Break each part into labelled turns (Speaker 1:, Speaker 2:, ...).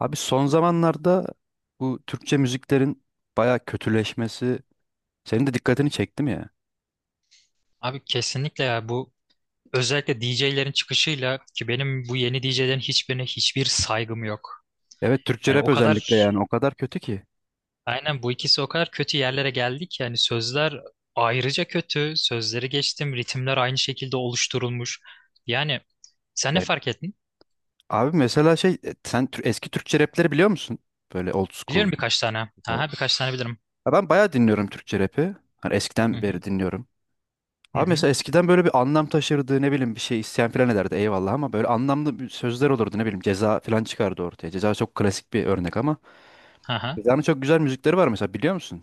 Speaker 1: Abi son zamanlarda bu Türkçe müziklerin bayağı kötüleşmesi senin de dikkatini çekti mi ya?
Speaker 2: Abi kesinlikle ya bu özellikle DJ'lerin çıkışıyla ki benim bu yeni DJ'lerin hiçbirine hiçbir saygım yok.
Speaker 1: Evet, Türkçe
Speaker 2: Yani
Speaker 1: rap
Speaker 2: o kadar
Speaker 1: özellikle, yani o kadar kötü ki.
Speaker 2: aynen bu ikisi o kadar kötü yerlere geldi ki yani sözler ayrıca kötü. Sözleri geçtim. Ritimler aynı şekilde oluşturulmuş. Yani sen ne
Speaker 1: Yani
Speaker 2: fark ettin?
Speaker 1: abi mesela şey sen eski Türkçe rapleri biliyor musun? Böyle old school.
Speaker 2: Biliyorum birkaç tane.
Speaker 1: Evet.
Speaker 2: Aha, birkaç tane bilirim.
Speaker 1: Ya ben bayağı dinliyorum Türkçe rapi. Hani
Speaker 2: Hı
Speaker 1: eskiden
Speaker 2: hı.
Speaker 1: beri dinliyorum.
Speaker 2: Hı
Speaker 1: Abi
Speaker 2: hı.
Speaker 1: mesela eskiden böyle bir anlam taşırdı, ne bileyim, bir şey isyan falan ederdi, eyvallah, ama böyle anlamlı bir sözler olurdu, ne bileyim, Ceza falan çıkardı ortaya. Ceza çok klasik bir örnek ama
Speaker 2: Aha.
Speaker 1: Ceza'nın çok güzel müzikleri var mesela, biliyor musun?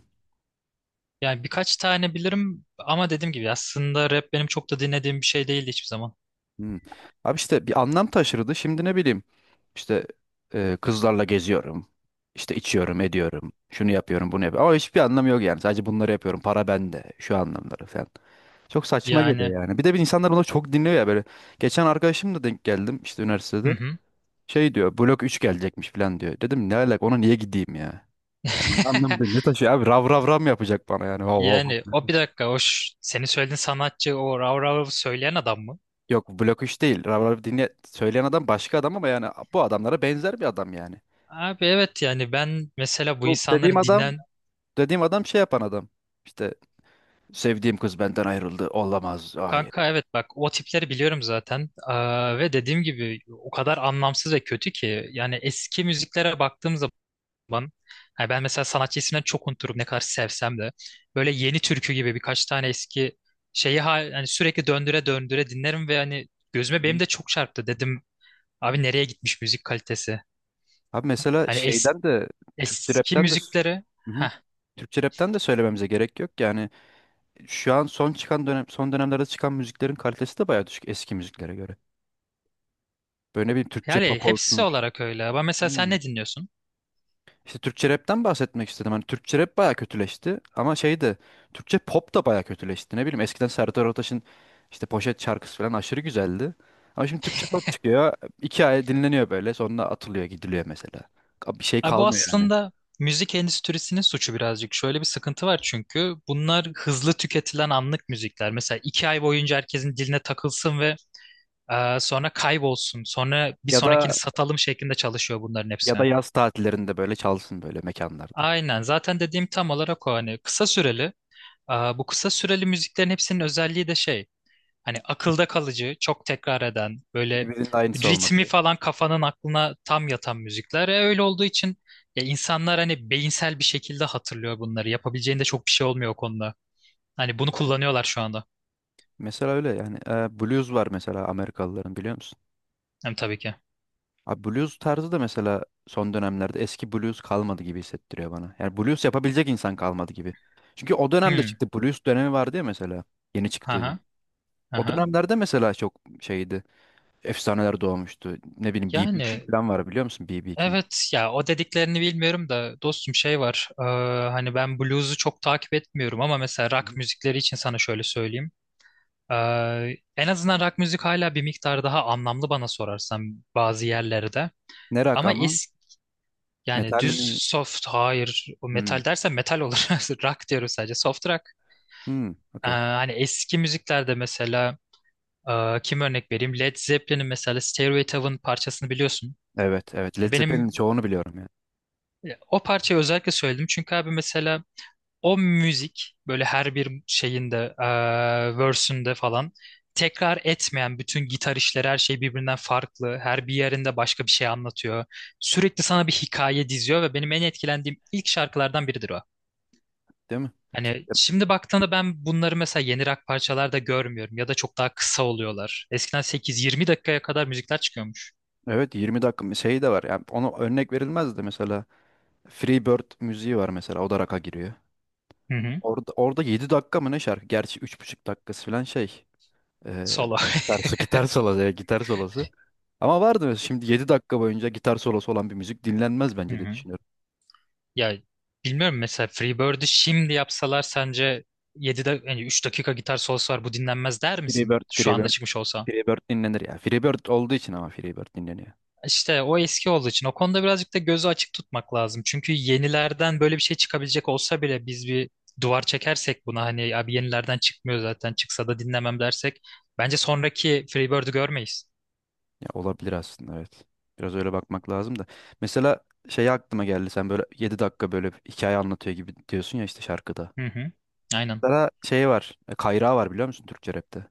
Speaker 2: Yani birkaç tane bilirim ama dediğim gibi aslında rap benim çok da dinlediğim bir şey değildi hiçbir zaman.
Speaker 1: Hmm. Abi işte bir anlam taşırdı. Şimdi ne bileyim işte kızlarla geziyorum. İşte içiyorum, ediyorum. Şunu yapıyorum, bunu yapıyorum. Ama hiçbir anlamı yok yani. Sadece bunları yapıyorum. Para bende. Şu anlamları falan. Çok saçma
Speaker 2: Yani
Speaker 1: geliyor yani. Bir de bir insanlar bunu çok dinliyor ya böyle. Geçen arkadaşımla denk geldim işte
Speaker 2: hı
Speaker 1: üniversitede.
Speaker 2: hı.
Speaker 1: Şey diyor, Blok3 gelecekmiş falan diyor. Dedim ne alaka, ona niye gideyim ya? Yani ne anlamı ne taşıyor abi, rav rav rav mı yapacak bana yani? Hav hav.
Speaker 2: Yani o bir dakika o senin söylediğin sanatçı o rav rav söyleyen adam mı?
Speaker 1: Yok, Blok3 değil, rav rav dinle söyleyen adam başka adam, ama yani bu adamlara benzer bir adam yani.
Speaker 2: Abi evet yani ben mesela bu
Speaker 1: Bu dediğim
Speaker 2: insanların
Speaker 1: adam,
Speaker 2: dinlen
Speaker 1: dediğim adam şey yapan adam. İşte sevdiğim kız benden ayrıldı. Olamaz. Hayır.
Speaker 2: kanka evet bak o tipleri biliyorum zaten. Aa, ve dediğim gibi o kadar anlamsız ve kötü ki yani eski müziklere baktığım zaman yani ben mesela sanatçı isimlerini çok unuturum ne kadar sevsem de böyle yeni türkü gibi birkaç tane eski şeyi hani sürekli döndüre döndüre dinlerim ve hani gözüme benim
Speaker 1: Hı.
Speaker 2: de çok çarptı dedim abi nereye gitmiş müzik kalitesi?
Speaker 1: Abi mesela
Speaker 2: Hani
Speaker 1: şeyden de Türkçe
Speaker 2: eski
Speaker 1: rapten de,
Speaker 2: müzikleri
Speaker 1: hı-hı,
Speaker 2: heh,
Speaker 1: Türkçe rapten de söylememize gerek yok. Yani şu an son çıkan dönem, son dönemlerde çıkan müziklerin kalitesi de bayağı düşük eski müziklere göre. Böyle bir Türkçe
Speaker 2: Yani
Speaker 1: pop
Speaker 2: hepsi
Speaker 1: olsun.
Speaker 2: olarak öyle ama mesela sen ne dinliyorsun?
Speaker 1: İşte Türkçe rapten bahsetmek istedim. Hani Türkçe rap baya kötüleşti ama şey de, Türkçe pop da baya kötüleşti. Ne bileyim eskiden Serdar Ortaç'ın işte poşet şarkısı falan aşırı güzeldi. Ama şimdi Türkçe pop çıkıyor. 2 ay dinleniyor böyle, sonra atılıyor, gidiliyor mesela. Bir şey
Speaker 2: Abi bu
Speaker 1: kalmıyor yani.
Speaker 2: aslında müzik endüstrisinin suçu birazcık. Şöyle bir sıkıntı var çünkü bunlar hızlı tüketilen anlık müzikler. Mesela 2 ay boyunca herkesin diline takılsın ve sonra kaybolsun. Sonra bir
Speaker 1: Ya
Speaker 2: sonrakini
Speaker 1: da
Speaker 2: satalım şeklinde çalışıyor bunların
Speaker 1: ya
Speaker 2: hepsi.
Speaker 1: da yaz tatillerinde böyle çalsın böyle mekanlarda.
Speaker 2: Aynen zaten dediğim tam olarak o hani kısa süreli. Bu kısa süreli müziklerin hepsinin özelliği de şey. Hani akılda kalıcı, çok tekrar eden, böyle
Speaker 1: Birbirinin aynısı
Speaker 2: ritmi
Speaker 1: olmadı.
Speaker 2: falan kafanın aklına tam yatan müzikler. Öyle olduğu için ya insanlar hani beyinsel bir şekilde hatırlıyor bunları. Yapabileceğinde çok bir şey olmuyor o konuda. Hani bunu
Speaker 1: Yani.
Speaker 2: kullanıyorlar şu anda.
Speaker 1: Mesela öyle yani. Blues var mesela, Amerikalıların, biliyor musun?
Speaker 2: Hem tabii ki.
Speaker 1: Abi blues tarzı da mesela son dönemlerde, eski blues kalmadı gibi hissettiriyor bana. Yani blues yapabilecek insan kalmadı gibi. Çünkü o dönemde
Speaker 2: Hmm.
Speaker 1: çıktı. Blues dönemi vardı ya mesela. Yeni çıktı.
Speaker 2: Aha.
Speaker 1: O
Speaker 2: Aha.
Speaker 1: dönemlerde mesela çok şeydi. Efsaneler doğmuştu. Ne bileyim BB King
Speaker 2: Yani
Speaker 1: falan var, biliyor musun? BB King.
Speaker 2: evet ya o dediklerini bilmiyorum da dostum şey var. Hani ben blues'u çok takip etmiyorum ama mesela
Speaker 1: Hı
Speaker 2: rock
Speaker 1: hı.
Speaker 2: müzikleri için sana şöyle söyleyeyim. En azından rock müzik hala bir miktar daha anlamlı bana sorarsan bazı yerlerde.
Speaker 1: Ne rock
Speaker 2: Ama
Speaker 1: ama?
Speaker 2: eski yani
Speaker 1: Metal
Speaker 2: düz
Speaker 1: mi?
Speaker 2: soft hayır o
Speaker 1: Hmm.
Speaker 2: metal dersen metal olur. Rock diyoruz sadece soft rock.
Speaker 1: Hmm. Okey.
Speaker 2: Hani eski müziklerde mesela kim örnek vereyim? Led Zeppelin'in mesela Stairway to Heaven parçasını biliyorsun.
Speaker 1: Evet, evet. Led Zeppelin'in
Speaker 2: Benim
Speaker 1: çoğunu biliyorum yani.
Speaker 2: o parçayı özellikle söyledim çünkü abi mesela o müzik böyle her bir şeyinde, verse'ünde falan tekrar etmeyen bütün gitar işleri her şey birbirinden farklı. Her bir yerinde başka bir şey anlatıyor. Sürekli sana bir hikaye diziyor ve benim en etkilendiğim ilk şarkılardan biridir o.
Speaker 1: Değil mi?
Speaker 2: Hani şimdi baktığında ben bunları mesela yeni rock parçalarda görmüyorum ya da çok daha kısa oluyorlar. Eskiden 8-20 dakikaya kadar müzikler çıkıyormuş.
Speaker 1: Evet, 20 dakika şey de var. Yani ona örnek verilmez de mesela Free Bird müziği var mesela. O da rock'a giriyor.
Speaker 2: Hı hı.
Speaker 1: Orada, orada 7 dakika mı ne şarkı? Gerçi 3,5 dakikası falan şey. Ee,
Speaker 2: Solo.
Speaker 1: dersi gitar solosu. Evet, gitar solosu. Ama vardı mesela, şimdi 7 dakika boyunca gitar solosu olan bir müzik dinlenmez
Speaker 2: Hı
Speaker 1: bence, diye
Speaker 2: hı.
Speaker 1: düşünüyorum.
Speaker 2: Ya bilmiyorum mesela Freebird'ü şimdi yapsalar sence 7'de yani 3 dakika gitar solosu var bu dinlenmez der misin
Speaker 1: Freebird,
Speaker 2: şu anda
Speaker 1: Freebird,
Speaker 2: çıkmış olsa?
Speaker 1: Freebird dinlenir ya. Freebird olduğu için ama Freebird dinleniyor.
Speaker 2: İşte o eski olduğu için o konuda birazcık da gözü açık tutmak lazım. Çünkü yenilerden böyle bir şey çıkabilecek olsa bile biz bir duvar çekersek buna hani abi yenilerden çıkmıyor zaten çıksa da dinlemem dersek bence sonraki Freebird'ü görmeyiz.
Speaker 1: Ya olabilir aslında, evet. Biraz öyle bakmak lazım da. Mesela şey aklıma geldi, sen böyle 7 dakika böyle hikaye anlatıyor gibi diyorsun ya işte şarkıda.
Speaker 2: Hı hı. Aynen.
Speaker 1: Mesela şey var, Kayrağı var, biliyor musun, Türkçe rapte?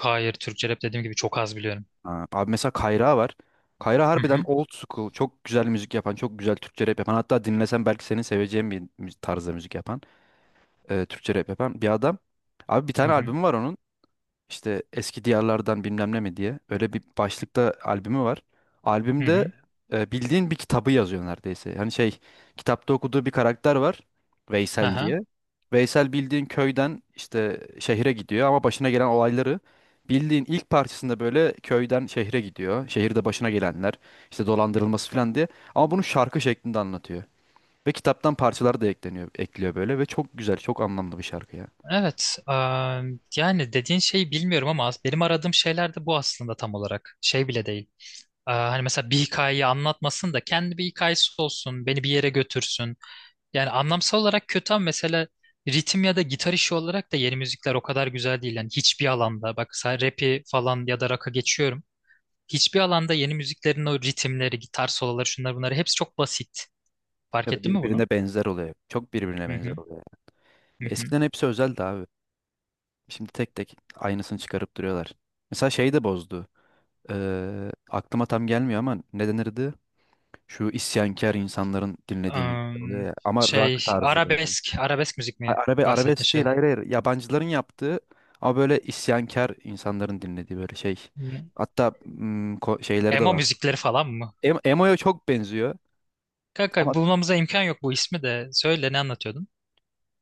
Speaker 2: Hayır, Türkçe rap dediğim gibi çok az biliyorum.
Speaker 1: Ha, abi mesela Kayra var. Kayra
Speaker 2: Hı
Speaker 1: harbiden
Speaker 2: hı.
Speaker 1: old school. Çok güzel müzik yapan, çok güzel Türkçe rap yapan. Hatta dinlesen belki senin seveceğin bir tarzda müzik yapan, Türkçe rap yapan bir adam. Abi bir
Speaker 2: Hı
Speaker 1: tane
Speaker 2: hı.
Speaker 1: albüm var onun. İşte eski diyarlardan bilmem ne mi diye, öyle bir başlıkta albümü var.
Speaker 2: Hı
Speaker 1: Albümde
Speaker 2: hı.
Speaker 1: bildiğin bir kitabı yazıyor neredeyse. Hani şey, kitapta okuduğu bir karakter var, Veysel
Speaker 2: Aha.
Speaker 1: diye. Veysel bildiğin köyden işte şehre gidiyor, ama başına gelen olayları, bildiğin ilk parçasında böyle köyden şehre gidiyor. Şehirde başına gelenler, işte dolandırılması falan diye. Ama bunu şarkı şeklinde anlatıyor. Ve kitaptan parçalar da ekleniyor, ekliyor böyle, ve çok güzel, çok anlamlı bir şarkı ya.
Speaker 2: Evet, yani dediğin şeyi bilmiyorum ama benim aradığım şeyler de bu aslında tam olarak. Şey bile değil. Hani mesela bir hikayeyi anlatmasın da kendi bir hikayesi olsun, beni bir yere götürsün. Yani anlamsal olarak kötü ama mesela ritim ya da gitar işi olarak da yeni müzikler o kadar güzel değil. Yani hiçbir alanda, bak sen rap'i falan ya da rock'a geçiyorum. Hiçbir alanda yeni müziklerin o ritimleri, gitar soloları, şunlar bunları hepsi çok basit. Fark
Speaker 1: Ya da
Speaker 2: ettin mi bunu?
Speaker 1: birbirine benzer oluyor. Çok birbirine
Speaker 2: Hı
Speaker 1: benzer
Speaker 2: hı.
Speaker 1: oluyor.
Speaker 2: Hı hı.
Speaker 1: Eskiden hepsi özeldi abi. Şimdi tek tek aynısını çıkarıp duruyorlar. Mesela şey de bozdu. Aklıma tam gelmiyor ama ne denirdi? Şu isyankar insanların dinlediği müzikler oluyor
Speaker 2: Am,
Speaker 1: ya. Ama rock
Speaker 2: şey
Speaker 1: tarzı böyle.
Speaker 2: arabesk, arabesk müzik
Speaker 1: Ha-
Speaker 2: mi
Speaker 1: Arabe,
Speaker 2: bahsettin
Speaker 1: arabesk değil,
Speaker 2: şey?
Speaker 1: hayır hayır. Yabancıların yaptığı ama böyle isyankar insanların dinlediği böyle şey.
Speaker 2: Ne?
Speaker 1: Hatta şeyleri de
Speaker 2: Emo
Speaker 1: var.
Speaker 2: müzikleri falan mı?
Speaker 1: Emo'ya çok benziyor.
Speaker 2: Kanka
Speaker 1: Ama
Speaker 2: bulmamıza imkan yok bu ismi de. Söyle ne anlatıyordun?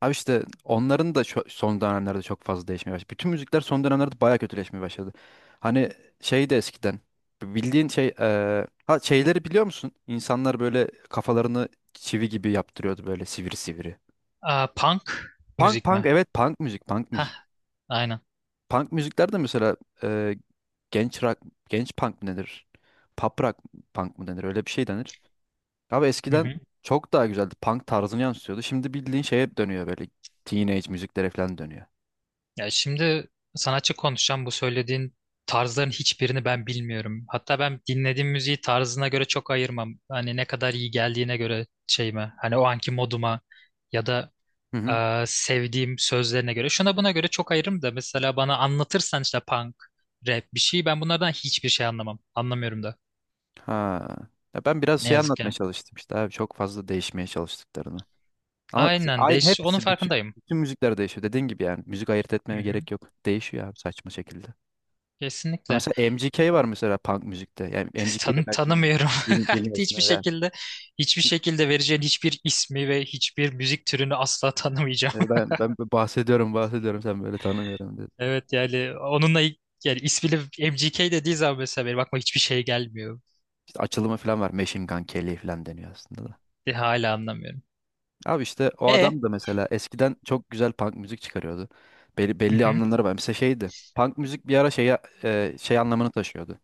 Speaker 1: abi işte onların da son dönemlerde çok fazla değişmeye başladı. Bütün müzikler son dönemlerde bayağı kötüleşmeye başladı. Hani şey de eskiden bildiğin şey ha şeyleri biliyor musun? İnsanlar böyle kafalarını çivi gibi yaptırıyordu böyle sivri sivri.
Speaker 2: Aa, punk
Speaker 1: Punk
Speaker 2: müzik
Speaker 1: punk,
Speaker 2: mi?
Speaker 1: evet, punk müzik, punk müzik.
Speaker 2: Hah, aynen.
Speaker 1: Punk müzikler de mesela eee, genç rock, genç punk mı denir? Pop rock punk mı denir? Öyle bir şey denir. Abi
Speaker 2: Hı
Speaker 1: eskiden
Speaker 2: hı.
Speaker 1: çok daha güzeldi. Punk tarzını yansıtıyordu. Şimdi bildiğin şeye dönüyor böyle, teenage müziklere falan dönüyor.
Speaker 2: Ya şimdi sanatçı konuşacağım, bu söylediğin tarzların hiçbirini ben bilmiyorum. Hatta ben dinlediğim müziği tarzına göre çok ayırmam. Hani ne kadar iyi geldiğine göre şeyime, hani o anki moduma ya da
Speaker 1: Hı hı.
Speaker 2: Sevdiğim sözlerine göre. Şuna buna göre çok ayırırım da mesela bana anlatırsan işte punk, rap bir şey ben bunlardan hiçbir şey anlamam. Anlamıyorum da.
Speaker 1: Ha. Ya ben biraz
Speaker 2: Ne
Speaker 1: şey
Speaker 2: yazık
Speaker 1: anlatmaya
Speaker 2: ki.
Speaker 1: çalıştım işte abi, çok fazla değişmeye çalıştıklarını. Ama
Speaker 2: Aynen
Speaker 1: ay
Speaker 2: değiş, onun
Speaker 1: hepsi, bütün
Speaker 2: farkındayım.
Speaker 1: bütün müzikler değişiyor. Dediğin gibi yani müzik ayırt
Speaker 2: Hı
Speaker 1: etmeme
Speaker 2: hı.
Speaker 1: gerek yok. Değişiyor abi, saçma şekilde. Ha
Speaker 2: Kesinlikle.
Speaker 1: mesela MGK var mesela punk müzikte. Yani MGK'yi de belki
Speaker 2: Tanımıyorum.
Speaker 1: bilmiyorsun.
Speaker 2: Hiçbir
Speaker 1: Evet.
Speaker 2: şekilde hiçbir şekilde vereceğin hiçbir ismi ve hiçbir müzik türünü asla tanımayacağım.
Speaker 1: Yani ben bahsediyorum bahsediyorum, sen böyle tanımıyorum dedim.
Speaker 2: Evet yani onunla yani ismini MGK dediği zaman mesela benim aklıma hiçbir şey gelmiyor.
Speaker 1: İşte açılımı falan var, Machine Gun Kelly falan deniyor aslında.
Speaker 2: Hala anlamıyorum.
Speaker 1: Abi işte o
Speaker 2: E.
Speaker 1: adam da mesela eskiden çok güzel punk müzik çıkarıyordu.
Speaker 2: Hı
Speaker 1: Belli
Speaker 2: hı.
Speaker 1: anlamları var. Mesela şeydi. Punk müzik bir ara şeye, şey anlamını taşıyordu.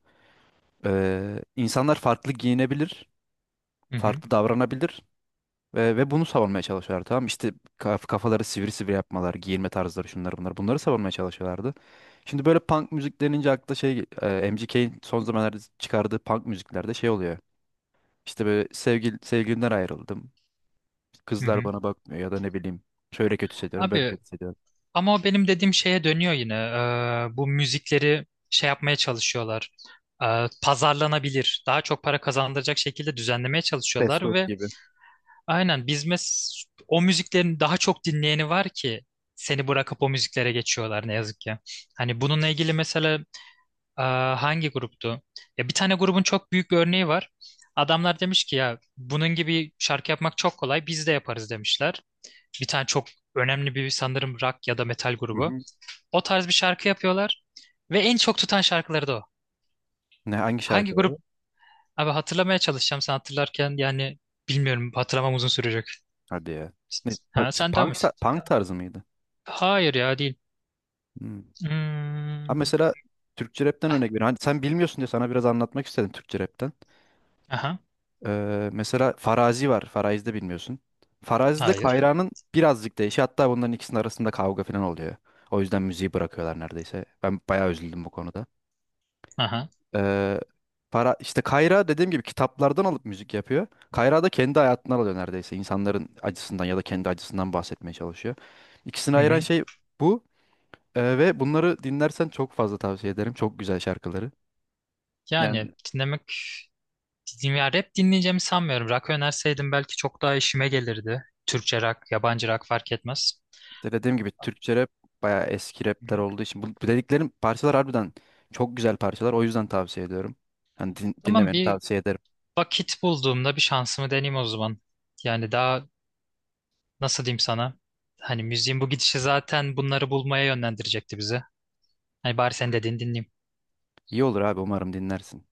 Speaker 1: İnsanlar farklı giyinebilir,
Speaker 2: Hı hı.
Speaker 1: farklı davranabilir ve bunu savunmaya çalışıyorlar, tamam mı? İşte kafaları sivri sivri yapmalar, giyinme tarzları, şunlar bunlar. Bunları savunmaya çalışıyorlardı. Şimdi böyle punk müzik denince akla şey, MGK'in son zamanlarda çıkardığı punk müziklerde şey oluyor. İşte böyle, sevgilimden ayrıldım.
Speaker 2: Hı
Speaker 1: Kızlar
Speaker 2: hı.
Speaker 1: bana bakmıyor ya da ne bileyim. Şöyle kötü hissediyorum, böyle
Speaker 2: Abi
Speaker 1: kötü hissediyorum.
Speaker 2: ama o benim dediğim şeye dönüyor yine. Bu müzikleri şey yapmaya çalışıyorlar. Pazarlanabilir, daha çok para kazandıracak şekilde düzenlemeye
Speaker 1: Fast
Speaker 2: çalışıyorlar
Speaker 1: food
Speaker 2: ve
Speaker 1: gibi.
Speaker 2: aynen biz mes o müziklerin daha çok dinleyeni var ki seni bırakıp o müziklere geçiyorlar ne yazık ki. Hani bununla ilgili mesela e, hangi gruptu? Ya bir tane grubun çok büyük bir örneği var. Adamlar demiş ki ya bunun gibi şarkı yapmak çok kolay, biz de yaparız demişler. Bir tane çok önemli bir sanırım rock ya da metal
Speaker 1: Hı
Speaker 2: grubu.
Speaker 1: hı.
Speaker 2: O tarz bir şarkı yapıyorlar ve en çok tutan şarkıları da o.
Speaker 1: Ne, hangi
Speaker 2: Hangi
Speaker 1: şarkıları?
Speaker 2: grup? Abi hatırlamaya çalışacağım sen hatırlarken yani bilmiyorum, hatırlamam uzun sürecek.
Speaker 1: Hadi ya. Ne,
Speaker 2: Ha, sen devam
Speaker 1: punk,
Speaker 2: et.
Speaker 1: punk tarzı mıydı?
Speaker 2: Hayır ya değil.
Speaker 1: Hmm. Ha
Speaker 2: Hmm.
Speaker 1: mesela Türkçe rapten örnek veriyorum. Hani sen bilmiyorsun diye sana biraz anlatmak istedim Türkçe rapten.
Speaker 2: Aha.
Speaker 1: Mesela Farazi var. Farazi'de bilmiyorsun. Farazi'de
Speaker 2: Hayır.
Speaker 1: Kayra'nın birazcık değişi. Hatta bunların ikisinin arasında kavga falan oluyor. O yüzden müziği bırakıyorlar neredeyse. Ben bayağı üzüldüm bu konuda.
Speaker 2: Aha.
Speaker 1: Ee, para işte, Kayra dediğim gibi kitaplardan alıp müzik yapıyor. Kayra da kendi hayatından alıyor neredeyse. İnsanların acısından ya da kendi acısından bahsetmeye çalışıyor. İkisini
Speaker 2: Hı
Speaker 1: ayıran
Speaker 2: hı.
Speaker 1: şey bu. Ve bunları dinlersen çok fazla tavsiye ederim. Çok güzel şarkıları.
Speaker 2: Yani
Speaker 1: Yani
Speaker 2: dinlemek ya rap dinleyeceğimi sanmıyorum. Rock önerseydim belki çok daha işime gelirdi. Türkçe rock, yabancı rock fark etmez.
Speaker 1: işte dediğim gibi Türkçe rap bayağı eski
Speaker 2: Hı
Speaker 1: rapler
Speaker 2: hı.
Speaker 1: olduğu için bu dediklerim parçalar harbiden çok güzel parçalar. O yüzden tavsiye ediyorum. Hani
Speaker 2: Tamam
Speaker 1: dinlemeni
Speaker 2: bir
Speaker 1: tavsiye ederim.
Speaker 2: vakit bulduğumda bir şansımı deneyeyim o zaman. Yani daha nasıl diyeyim sana? Hani müziğin bu gidişi zaten bunları bulmaya yönlendirecekti bizi. Hani bari sen dediğini dinleyeyim.
Speaker 1: İyi olur abi, umarım dinlersin.